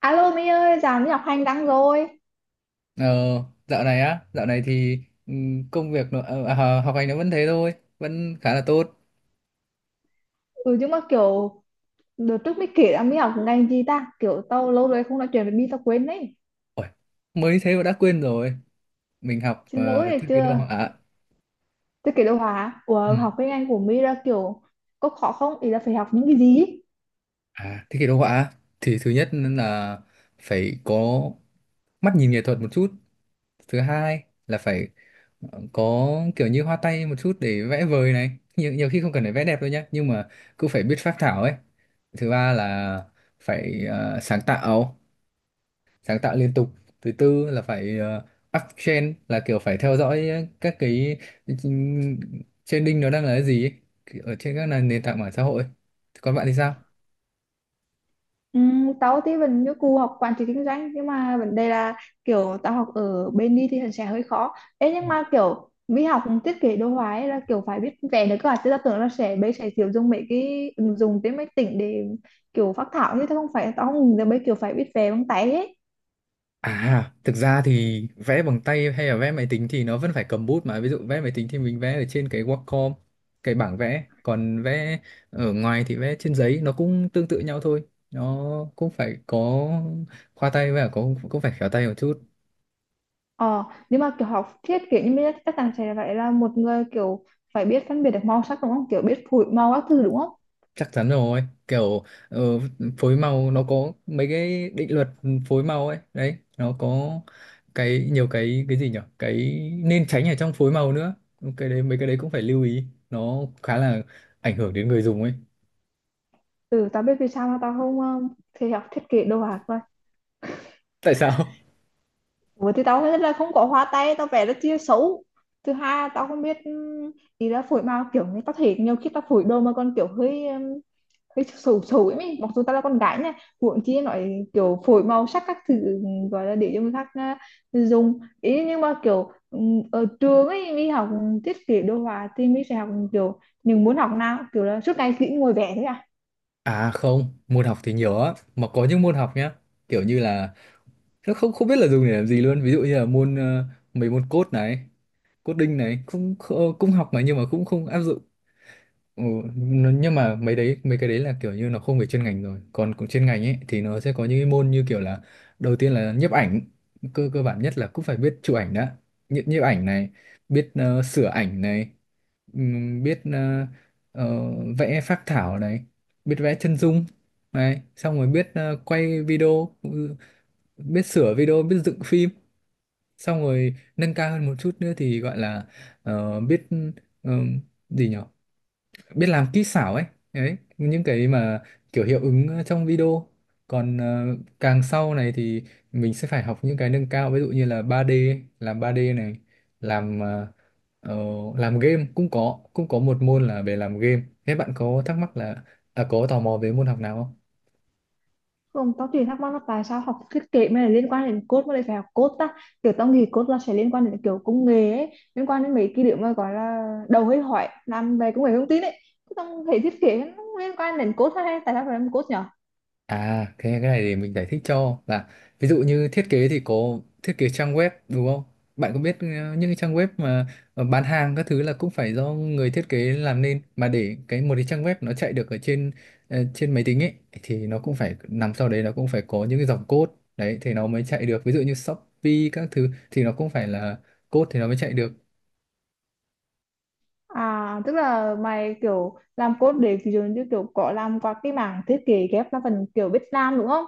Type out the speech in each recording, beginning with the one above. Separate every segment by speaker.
Speaker 1: Alo Mỹ ơi, dạo Mỹ học hành đăng rồi.
Speaker 2: Ờ, dạo này thì công việc nó, ờ, à, học hành nó vẫn thế thôi, vẫn khá là tốt.
Speaker 1: Ừ nhưng mà kiểu đợt trước mới kể là Mỹ học ngành gì ta? Kiểu tao lâu rồi không nói chuyện với Mỹ tao quên đấy.
Speaker 2: Ôi, mới thế mà đã quên rồi. Mình học
Speaker 1: Xin lỗi này
Speaker 2: thiết kế đồ
Speaker 1: chưa?
Speaker 2: họa.
Speaker 1: Tôi kể đồ hả?
Speaker 2: Ừ.
Speaker 1: Ủa học cái ngành của Mỹ ra kiểu có khó không? Ý là phải học những cái gì?
Speaker 2: À, thiết kế đồ họa thì thứ nhất là phải có mắt nhìn nghệ thuật một chút. Thứ hai là phải có kiểu như hoa tay một chút để vẽ vời này. Nhiều khi không cần phải vẽ đẹp đâu nhá, nhưng mà cứ phải biết phác thảo ấy. Thứ ba là phải sáng tạo. Sáng tạo liên tục. Thứ tư là phải uptrend, là kiểu phải theo dõi các cái ừm, trending nó đang là cái gì ấy, kiểu ở trên các nền nền tảng mạng xã hội. Còn bạn thì sao?
Speaker 1: Ừ, tao thì vẫn như cụ học quản trị kinh doanh nhưng mà vấn đề là kiểu tao học ở bên đi thì sẽ hơi khó. Ê,
Speaker 2: Ừ.
Speaker 1: nhưng mà kiểu mỹ học thiết kế đồ họa ấy là kiểu phải biết vẽ nữa cơ à, chứ tao tưởng là sẽ bây sẽ kiểu dùng mấy cái ứng dụng trên máy tính để kiểu phác thảo như thế, không phải tao không giờ bây kiểu phải biết vẽ bằng tay hết.
Speaker 2: À thực ra thì vẽ bằng tay hay là vẽ máy tính thì nó vẫn phải cầm bút mà. Ví dụ vẽ máy tính thì mình vẽ ở trên cái Wacom, cái bảng vẽ. Còn vẽ ở ngoài thì vẽ trên giấy, nó cũng tương tự nhau thôi. Nó cũng phải có khoa tay, và có cũng phải khéo tay một chút.
Speaker 1: Ờ nhưng mà kiểu học thiết kế như thế chắc chắn sẽ phải là một người kiểu phải biết phân biệt được màu sắc đúng không, kiểu biết phối màu các thứ đúng không.
Speaker 2: Chắc chắn rồi, kiểu ờ, phối màu nó có mấy cái định luật phối màu ấy đấy. Nó có cái, nhiều cái gì nhở, cái nên tránh ở trong phối màu nữa. Cái đấy, mấy cái đấy cũng phải lưu ý, nó khá là ảnh hưởng đến người dùng ấy.
Speaker 1: Ừ tao biết vì sao mà tao không thì học thiết kế đồ họa.
Speaker 2: Tại sao?
Speaker 1: Ủa thì tao nghĩ là không có hoa tay tao vẽ rất chia xấu. Thứ hai là tao không biết, ý là phổi màu, kiểu như tao thấy nhiều khi tao phổi đồ mà còn kiểu hơi hơi xấu xấu ấy, mình mặc dù tao là con gái nha, huống chi nói kiểu phổi màu sắc các thứ, gọi là để cho người khác à, dùng ý. Nhưng mà kiểu ở trường ấy mình học thiết kế đồ họa thì mình sẽ học kiểu mình muốn học nào, kiểu là suốt ngày chỉ ngồi vẽ thôi à?
Speaker 2: À không, môn học thì nhiều á, mà có những môn học nhá, kiểu như là nó không không biết là dùng để làm gì luôn. Ví dụ như là môn mấy môn code này, coding này, cũng cũng học mà, nhưng mà cũng không áp dụng. Ừ, nhưng mà mấy cái đấy là kiểu như nó không về chuyên ngành rồi. Còn cũng chuyên ngành ấy thì nó sẽ có những cái môn như kiểu là đầu tiên là nhiếp ảnh, cơ cơ bản nhất là cũng phải biết chụp ảnh đã. Nhiếp nhiếp ảnh này, biết sửa ảnh này, biết ờ, vẽ phác thảo này, biết vẽ chân dung này, xong rồi biết quay video, biết sửa video, biết dựng phim. Xong rồi nâng cao hơn một chút nữa thì gọi là biết ờ, gì nhỉ, biết làm kỹ xảo ấy. Đấy những cái mà kiểu hiệu ứng trong video. Còn càng sau này thì mình sẽ phải học những cái nâng cao, ví dụ như là 3D, làm 3D này, làm ờ, ờ, làm game. Cũng có một môn là về làm game. Thế bạn có thắc mắc là à, có tò mò về môn học nào không?
Speaker 1: Không, tao chỉ thắc mắc là tại sao học thiết kế mới là liên quan đến code mà lại phải học code ta, kiểu tao nghĩ code là sẽ liên quan đến kiểu công nghệ ấy, liên quan đến mấy cái điều mà gọi là đầu hơi hỏi làm về công nghệ thông tin ấy. Thế tao thấy thiết kế nó liên quan đến code hay tại sao phải làm code nhở.
Speaker 2: À, cái này thì mình giải thích cho, là ví dụ như thiết kế thì có thiết kế trang web đúng không? Bạn có biết những cái trang web mà bán hàng các thứ là cũng phải do người thiết kế làm nên mà. Để cái một cái trang web nó chạy được ở trên trên máy tính ấy thì nó cũng phải nằm sau đấy, nó cũng phải có những cái dòng code. Đấy thì nó mới chạy được. Ví dụ như Shopee các thứ thì nó cũng phải là code thì nó mới chạy được.
Speaker 1: À, tức là mày kiểu làm code để ví dụ như kiểu có làm qua cái mảng thiết kế ghép là phần kiểu biết làm đúng không?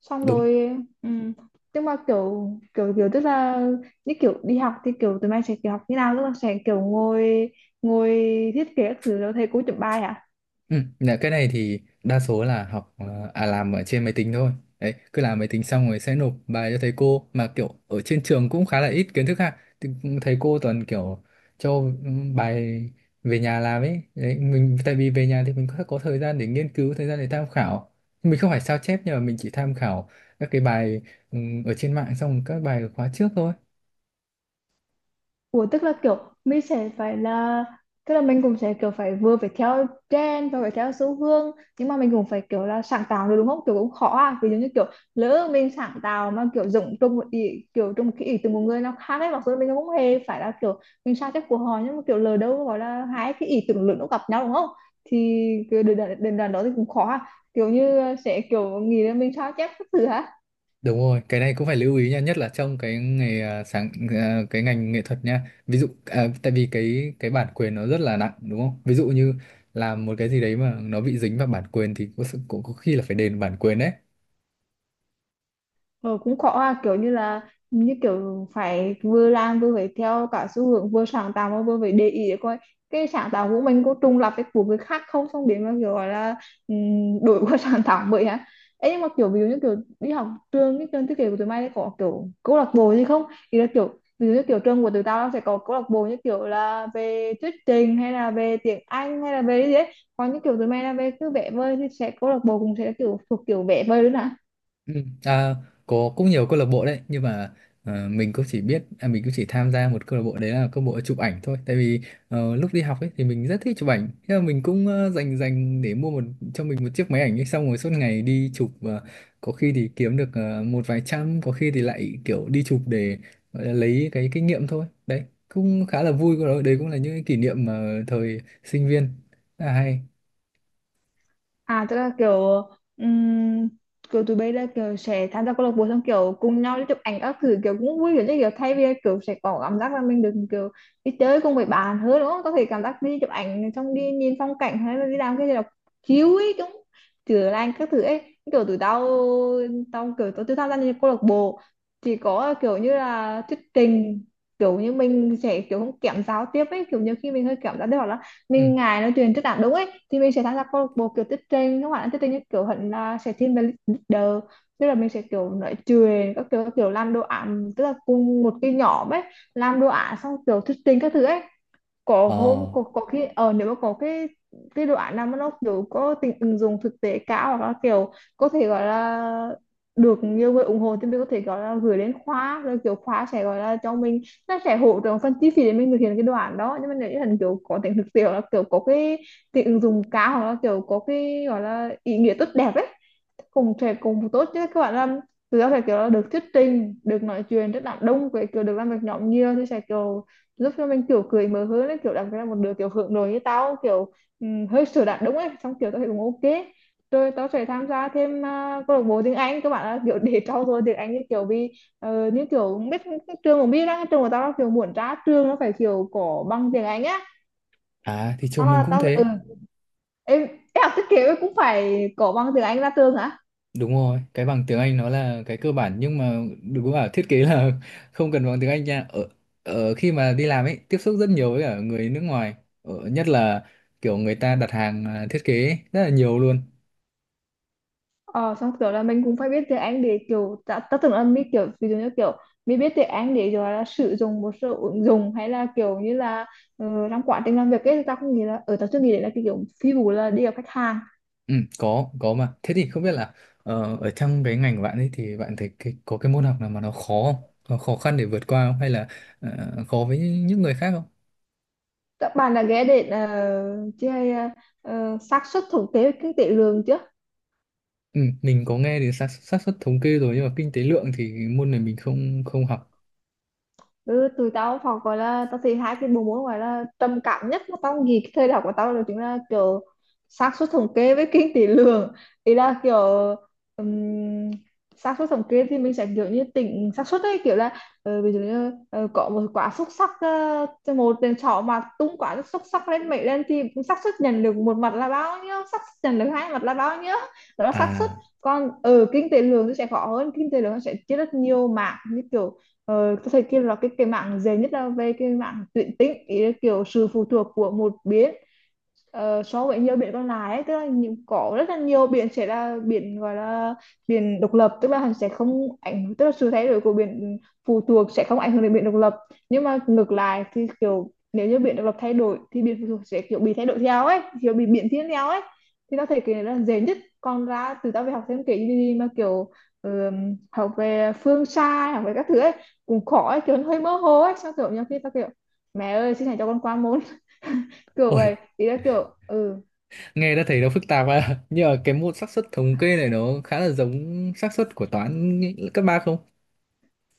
Speaker 1: Xong
Speaker 2: Đúng.
Speaker 1: rồi ừm, nhưng mà kiểu kiểu kiểu tức là như kiểu đi học thì kiểu tụi mày sẽ kiểu học như nào, tức là sẽ kiểu ngồi ngồi thiết kế các thứ rồi thầy cô chấm bài hả?
Speaker 2: Ừ, dạ, cái này thì đa số là học làm ở trên máy tính thôi. Đấy, cứ làm máy tính xong rồi sẽ nộp bài cho thầy cô, mà kiểu ở trên trường cũng khá là ít kiến thức ha. Thì thầy cô toàn kiểu cho bài về nhà làm ấy. Đấy, mình tại vì về nhà thì mình có thời gian để nghiên cứu, thời gian để tham khảo. Mình không phải sao chép, nhưng mà mình chỉ tham khảo các cái bài ở trên mạng, xong rồi các bài ở khóa trước thôi.
Speaker 1: Ủa tức là kiểu mình sẽ phải là, tức là mình cũng sẽ kiểu phải vừa theo trend và phải theo xu hướng, nhưng mà mình cũng phải kiểu là sáng tạo được đúng không, kiểu cũng khó à, ví dụ như kiểu lỡ mình sáng tạo mà kiểu dùng trong một ý, kiểu trong một cái ý từ một người nào khác ấy, mặc dù mình cũng không hề phải là kiểu mình sao chép của họ, nhưng mà kiểu lỡ đâu gọi là hai cái ý tưởng lớn nó gặp nhau đúng không, thì cái đền đoạn đến đó thì cũng khó à, kiểu như sẽ kiểu nghĩ là mình sao chép các thứ hả.
Speaker 2: Đúng rồi, cái này cũng phải lưu ý nha, nhất là trong cái nghề à, sáng à, cái ngành nghệ thuật nha. Ví dụ tại vì cái bản quyền nó rất là nặng đúng không? Ví dụ như làm một cái gì đấy mà nó bị dính vào bản quyền thì có sự cũng có khi là phải đền bản quyền đấy.
Speaker 1: Ờ, cũng khó à, kiểu như là như kiểu phải vừa làm vừa phải theo cả xu hướng, vừa sáng tạo mà vừa phải để ý để coi cái sáng tạo của mình có trùng lặp với của người khác không, xong biến mà kiểu gọi là đổi qua sáng tạo vậy á ấy. Nhưng mà kiểu ví dụ như kiểu đi học trường, cái trường thiết kế của tụi mày có kiểu câu lạc bộ gì không, thì là kiểu ví dụ như kiểu trường của tụi tao nó sẽ có câu lạc bộ như kiểu là về thuyết trình hay là về tiếng Anh hay là về cái gì đấy, còn như kiểu tụi mày là về cứ vẽ vời thì sẽ câu lạc bộ cũng sẽ kiểu thuộc kiểu vẽ vời luôn ạ.
Speaker 2: Ừ. À, có cũng nhiều câu lạc bộ đấy, nhưng mà mình cũng chỉ tham gia một câu lạc bộ, đấy là câu lạc bộ chụp ảnh thôi. Tại vì lúc đi học ấy thì mình rất thích chụp ảnh, thế là mình cũng dành dành để mua một, cho mình một chiếc máy ảnh ấy, xong rồi suốt ngày đi chụp. Và có khi thì kiếm được một vài trăm, có khi thì lại kiểu đi chụp để gọi là lấy cái kinh nghiệm thôi. Đấy cũng khá là vui của nó, đấy cũng là những cái kỷ niệm mà thời sinh viên rất là hay.
Speaker 1: À tức là kiểu ừm, kiểu tụi bay là kiểu sẽ tham gia câu lạc bộ xong kiểu cùng nhau đi chụp ảnh các thứ kiểu cũng vui, kiểu như kiểu thay vì kiểu sẽ có cảm giác là mình được kiểu đi chơi cùng với bạn hơn đúng không? Có thể cảm giác đi chụp ảnh xong đi nhìn phong cảnh hay là đi làm cái gì đó chiếu ấy cũng chữa lành các thứ ấy. Kiểu tụi tao, tao kiểu tụi tao tham gia những câu lạc bộ thì có kiểu như là thuyết trình, kiểu như mình sẽ kiểu không kém giao tiếp ấy, kiểu nhiều khi mình hơi kém giao tiếp hoặc là
Speaker 2: Ừ.
Speaker 1: mình ngại nói chuyện trước đảng đúng ấy, thì mình sẽ tham gia câu lạc bộ kiểu thuyết trình, các bạn thuyết trình như kiểu hẳn là sẽ thiên về leader, tức là mình sẽ kiểu nói chuyện các kiểu, các kiểu làm đồ án, tức là cùng một cái nhóm ấy làm đồ án xong kiểu thuyết trình các thứ ấy. Có
Speaker 2: ờ
Speaker 1: hôm có khi ờ nếu mà có cái đoạn nào mà nó kiểu có tính ứng dụng thực tế cao hoặc là kiểu có thể gọi là được nhiều người ủng hộ thì mình có thể gọi là gửi đến khóa rồi kiểu khóa sẽ gọi là cho mình, nó sẽ hỗ trợ phần chi phí để mình thực hiện cái đoạn đó. Nhưng mà nếu như thành kiểu có tính thực tế hoặc là kiểu có cái tính ứng dụng cao hoặc là kiểu có cái gọi là ý nghĩa tốt đẹp ấy, cùng sẽ cùng tốt chứ các bạn làm, từ đó sẽ kiểu là được thuyết trình, được nói chuyện rất là đông, với kiểu được làm việc nhóm nhiều thì sẽ kiểu giúp cho mình kiểu cười mở hơn ấy, kiểu đặc biệt là một đứa kiểu hướng nội như tao, kiểu hơi sửa đạt đúng ấy, xong kiểu tao thấy cũng ok rồi tao sẽ tham gia thêm à, câu lạc bộ tiếng Anh các bạn ạ, kiểu để trau dồi tiếng Anh, như kiểu vì như kiểu biết trường cũng biết đó, trường của tao là kiểu muốn ra trường nó phải kiểu có bằng tiếng Anh á.
Speaker 2: à thì
Speaker 1: Tao
Speaker 2: trường mình
Speaker 1: là
Speaker 2: cũng
Speaker 1: tao ừ
Speaker 2: thế.
Speaker 1: em, em học thiết kế cũng phải có bằng tiếng Anh ra trường hả?
Speaker 2: Đúng rồi, cái bằng tiếng Anh nó là cái cơ bản, nhưng mà đừng có bảo thiết kế là không cần bằng tiếng Anh nha. Ở khi mà đi làm ấy, tiếp xúc rất nhiều với cả người nước ngoài, nhất là kiểu người ta đặt hàng thiết kế ấy, rất là nhiều luôn.
Speaker 1: Ờ, xong kiểu là mình cũng phải biết tiếng Anh để kiểu ta, ta tưởng là mình kiểu ví dụ như kiểu mình biết tiếng Anh để rồi là sử dụng một số ứng dụng hay là kiểu như là trong quá trình làm việc ấy, thì ta không nghĩ là ở ta chưa nghĩ đến là cái kiểu phi vụ là đi gặp khách hàng.
Speaker 2: Ừ, có mà. Thế thì không biết là ở trong cái ngành của bạn ấy thì bạn thấy có cái môn học nào mà nó khó không? Nó khó khăn để vượt qua không? Hay là khó với những người khác không?
Speaker 1: Các bạn đã ghé đến chơi xác suất thống kê kinh tế lương chưa?
Speaker 2: Ừ, mình có nghe đến xác xác suất thống kê rồi, nhưng mà kinh tế lượng thì môn này mình không không học.
Speaker 1: Ừ, tụi tao học gọi là, tao thì hai cái bộ môn gọi là trầm cảm nhất mà tao nghĩ cái thời đại của tao là chính là kiểu xác suất thống kê với kinh tế lượng, ý là kiểu um, xác suất thống kê thì mình sẽ kiểu như tính xác suất ấy, kiểu là ví dụ như có một quả xúc xắc, cho một tên trỏ mà tung quả xúc xắc lên mệnh lên thì xác suất nhận được một mặt là bao nhiêu, xác suất nhận được hai mặt là bao nhiêu, đó là xác suất.
Speaker 2: À.
Speaker 1: Còn ở kinh tế lượng thì sẽ khó hơn, kinh tế lượng nó sẽ chia rất nhiều mảng như kiểu tôi thấy kia là cái mạng dễ nhất là về cái mạng tuyển tính, ý là kiểu sự phụ thuộc của một bên so với nhiều biển còn lại ấy, tức là những có rất là nhiều biển sẽ là biển gọi là biển độc lập, tức là hắn sẽ không ảnh, tức là sự thay đổi của biển phụ thuộc sẽ không ảnh hưởng đến biển độc lập, nhưng mà ngược lại thì kiểu nếu như biển độc lập thay đổi thì biển phụ thuộc sẽ kiểu bị thay đổi theo ấy, kiểu bị biến thiên theo ấy, thì nó thể kể là dễ nhất. Còn ra từ tao về học thêm kể gì gì mà kiểu học về phương xa, học về các thứ ấy cũng khó ấy, kiểu nó hơi mơ hồ ấy sao, kiểu nhiều khi tao kiểu mẹ ơi xin hãy cho con qua môn kiểu
Speaker 2: Ôi,
Speaker 1: vậy, ý là kiểu ừ.
Speaker 2: nghe đã thấy nó phức tạp à nhưng mà cái môn xác suất thống kê này nó khá là giống xác suất của toán cấp ba không?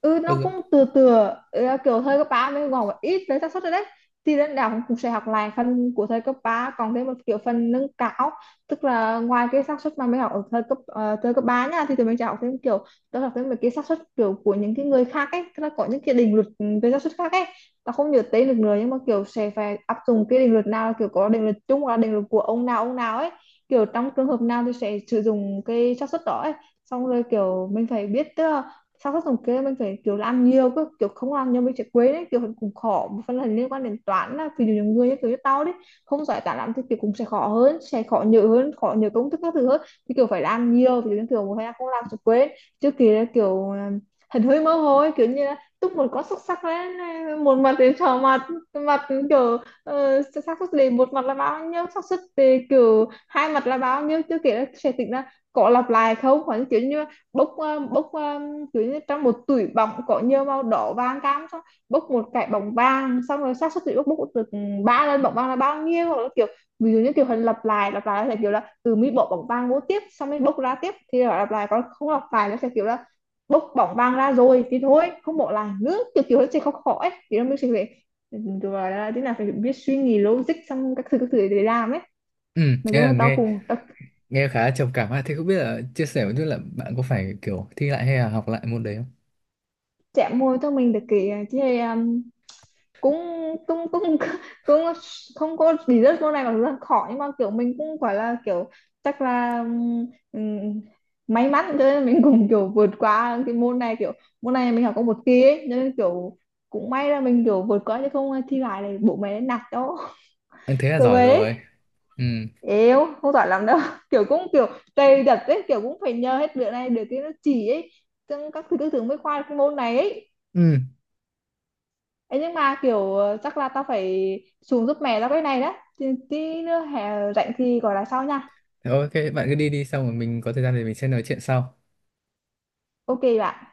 Speaker 1: Ừ
Speaker 2: Có
Speaker 1: nó
Speaker 2: giống.
Speaker 1: cũng từ từ. Ừ, kiểu thời cấp 3 mới còn một ít về xác suất rồi đấy, thì đến đại học cũng sẽ học lại phần của thời cấp 3 còn thêm một kiểu phần nâng cao, tức là ngoài cái xác suất mà mình học ở thời cấp thời cấp 3 nha thì tụi mình sẽ học thêm kiểu đó, học thêm mấy cái xác suất kiểu của những cái người khác ấy, tức là có những cái định luật về xác suất khác ấy. Ta không nhớ tên được nữa nhưng mà kiểu sẽ phải áp dụng cái định luật nào, là kiểu có định luật chung hoặc là định luật của ông nào ấy, kiểu trong trường hợp nào thì sẽ sử dụng cái xác suất đó ấy. Xong rồi kiểu mình phải biết, tức là sao các tổng kê mình phải kiểu là ăn nhiều cơ, kiểu không ăn nhiều mình sẽ quên đấy, kiểu cũng khó một phần là liên quan đến toán, là vì nhiều người như kiểu như tao đấy không giỏi toán lắm thì kiểu cũng sẽ khó hơn, sẽ khó nhớ hơn, khó nhớ công thức các thứ hơn, thì kiểu phải làm nhiều thì dụ như kiểu một thời gian không làm sẽ quên. Trước kia là kiểu hình hơi mơ hồ ấy, kiểu như là túc một con xúc sắc lên một mặt đến trò mặt mặt kiểu xác suất đề một mặt là bao nhiêu, xác suất đề kiểu hai mặt là bao nhiêu, chưa kể là sẽ tính là có lặp lại không, hoặc là kiểu như bốc kiểu như trong một túi bóng có nhiều màu đỏ vàng cam xong bốc một cái bóng vàng xong rồi xác suất bị bốc bốc từ ba lên bóng vàng là bao nhiêu, hoặc là kiểu ví dụ như kiểu hình lặp lại là kiểu là từ mi bỏ bóng vàng vô tiếp xong mới bốc ra tiếp thì là lặp lại, còn không lặp lại nó sẽ kiểu là bốc bóng vàng ra rồi thì thôi không bỏ lại nữa, kiểu kiểu nó sẽ khó khó ấy thì nó mới sẽ phải, rồi là thế nào phải biết suy nghĩ logic xong các thứ để làm ấy.
Speaker 2: Ừ.
Speaker 1: Mà
Speaker 2: nghe là
Speaker 1: chung tao
Speaker 2: nghe
Speaker 1: cùng tao
Speaker 2: nghe khá là trầm cảm ha. Thế không biết là chia sẻ một chút là bạn có phải kiểu thi lại hay là học lại môn đấy không?
Speaker 1: chạm môi cho mình được cái cũng cũng cũng cũng không có lý rất câu này, mà dù rất khó nhưng mà kiểu mình cũng gọi là kiểu chắc là ừm, may mắn, cho nên mình cũng kiểu vượt qua cái môn này, kiểu môn này mình học có một kỳ ấy, cho nên kiểu cũng may là mình kiểu vượt qua, chứ không thi lại này bố mẹ nạt cho.
Speaker 2: Ừ, thế là
Speaker 1: Kiểu
Speaker 2: giỏi rồi.
Speaker 1: về
Speaker 2: Ừ,
Speaker 1: yếu không giỏi lắm đâu kiểu cũng kiểu cày đặt ấy, kiểu cũng phải nhờ hết việc này được cái nó chỉ ấy, trong các thứ tư tưởng mới khoa được cái môn này ấy.
Speaker 2: ừ.
Speaker 1: Ấy nhưng mà kiểu chắc là tao phải xuống giúp mẹ tao cái này đó. Tí tí nữa hè rảnh thì gọi là sau nha.
Speaker 2: Thế ok, bạn cứ đi đi, xong rồi mình có thời gian thì mình sẽ nói chuyện sau.
Speaker 1: Ok bạn.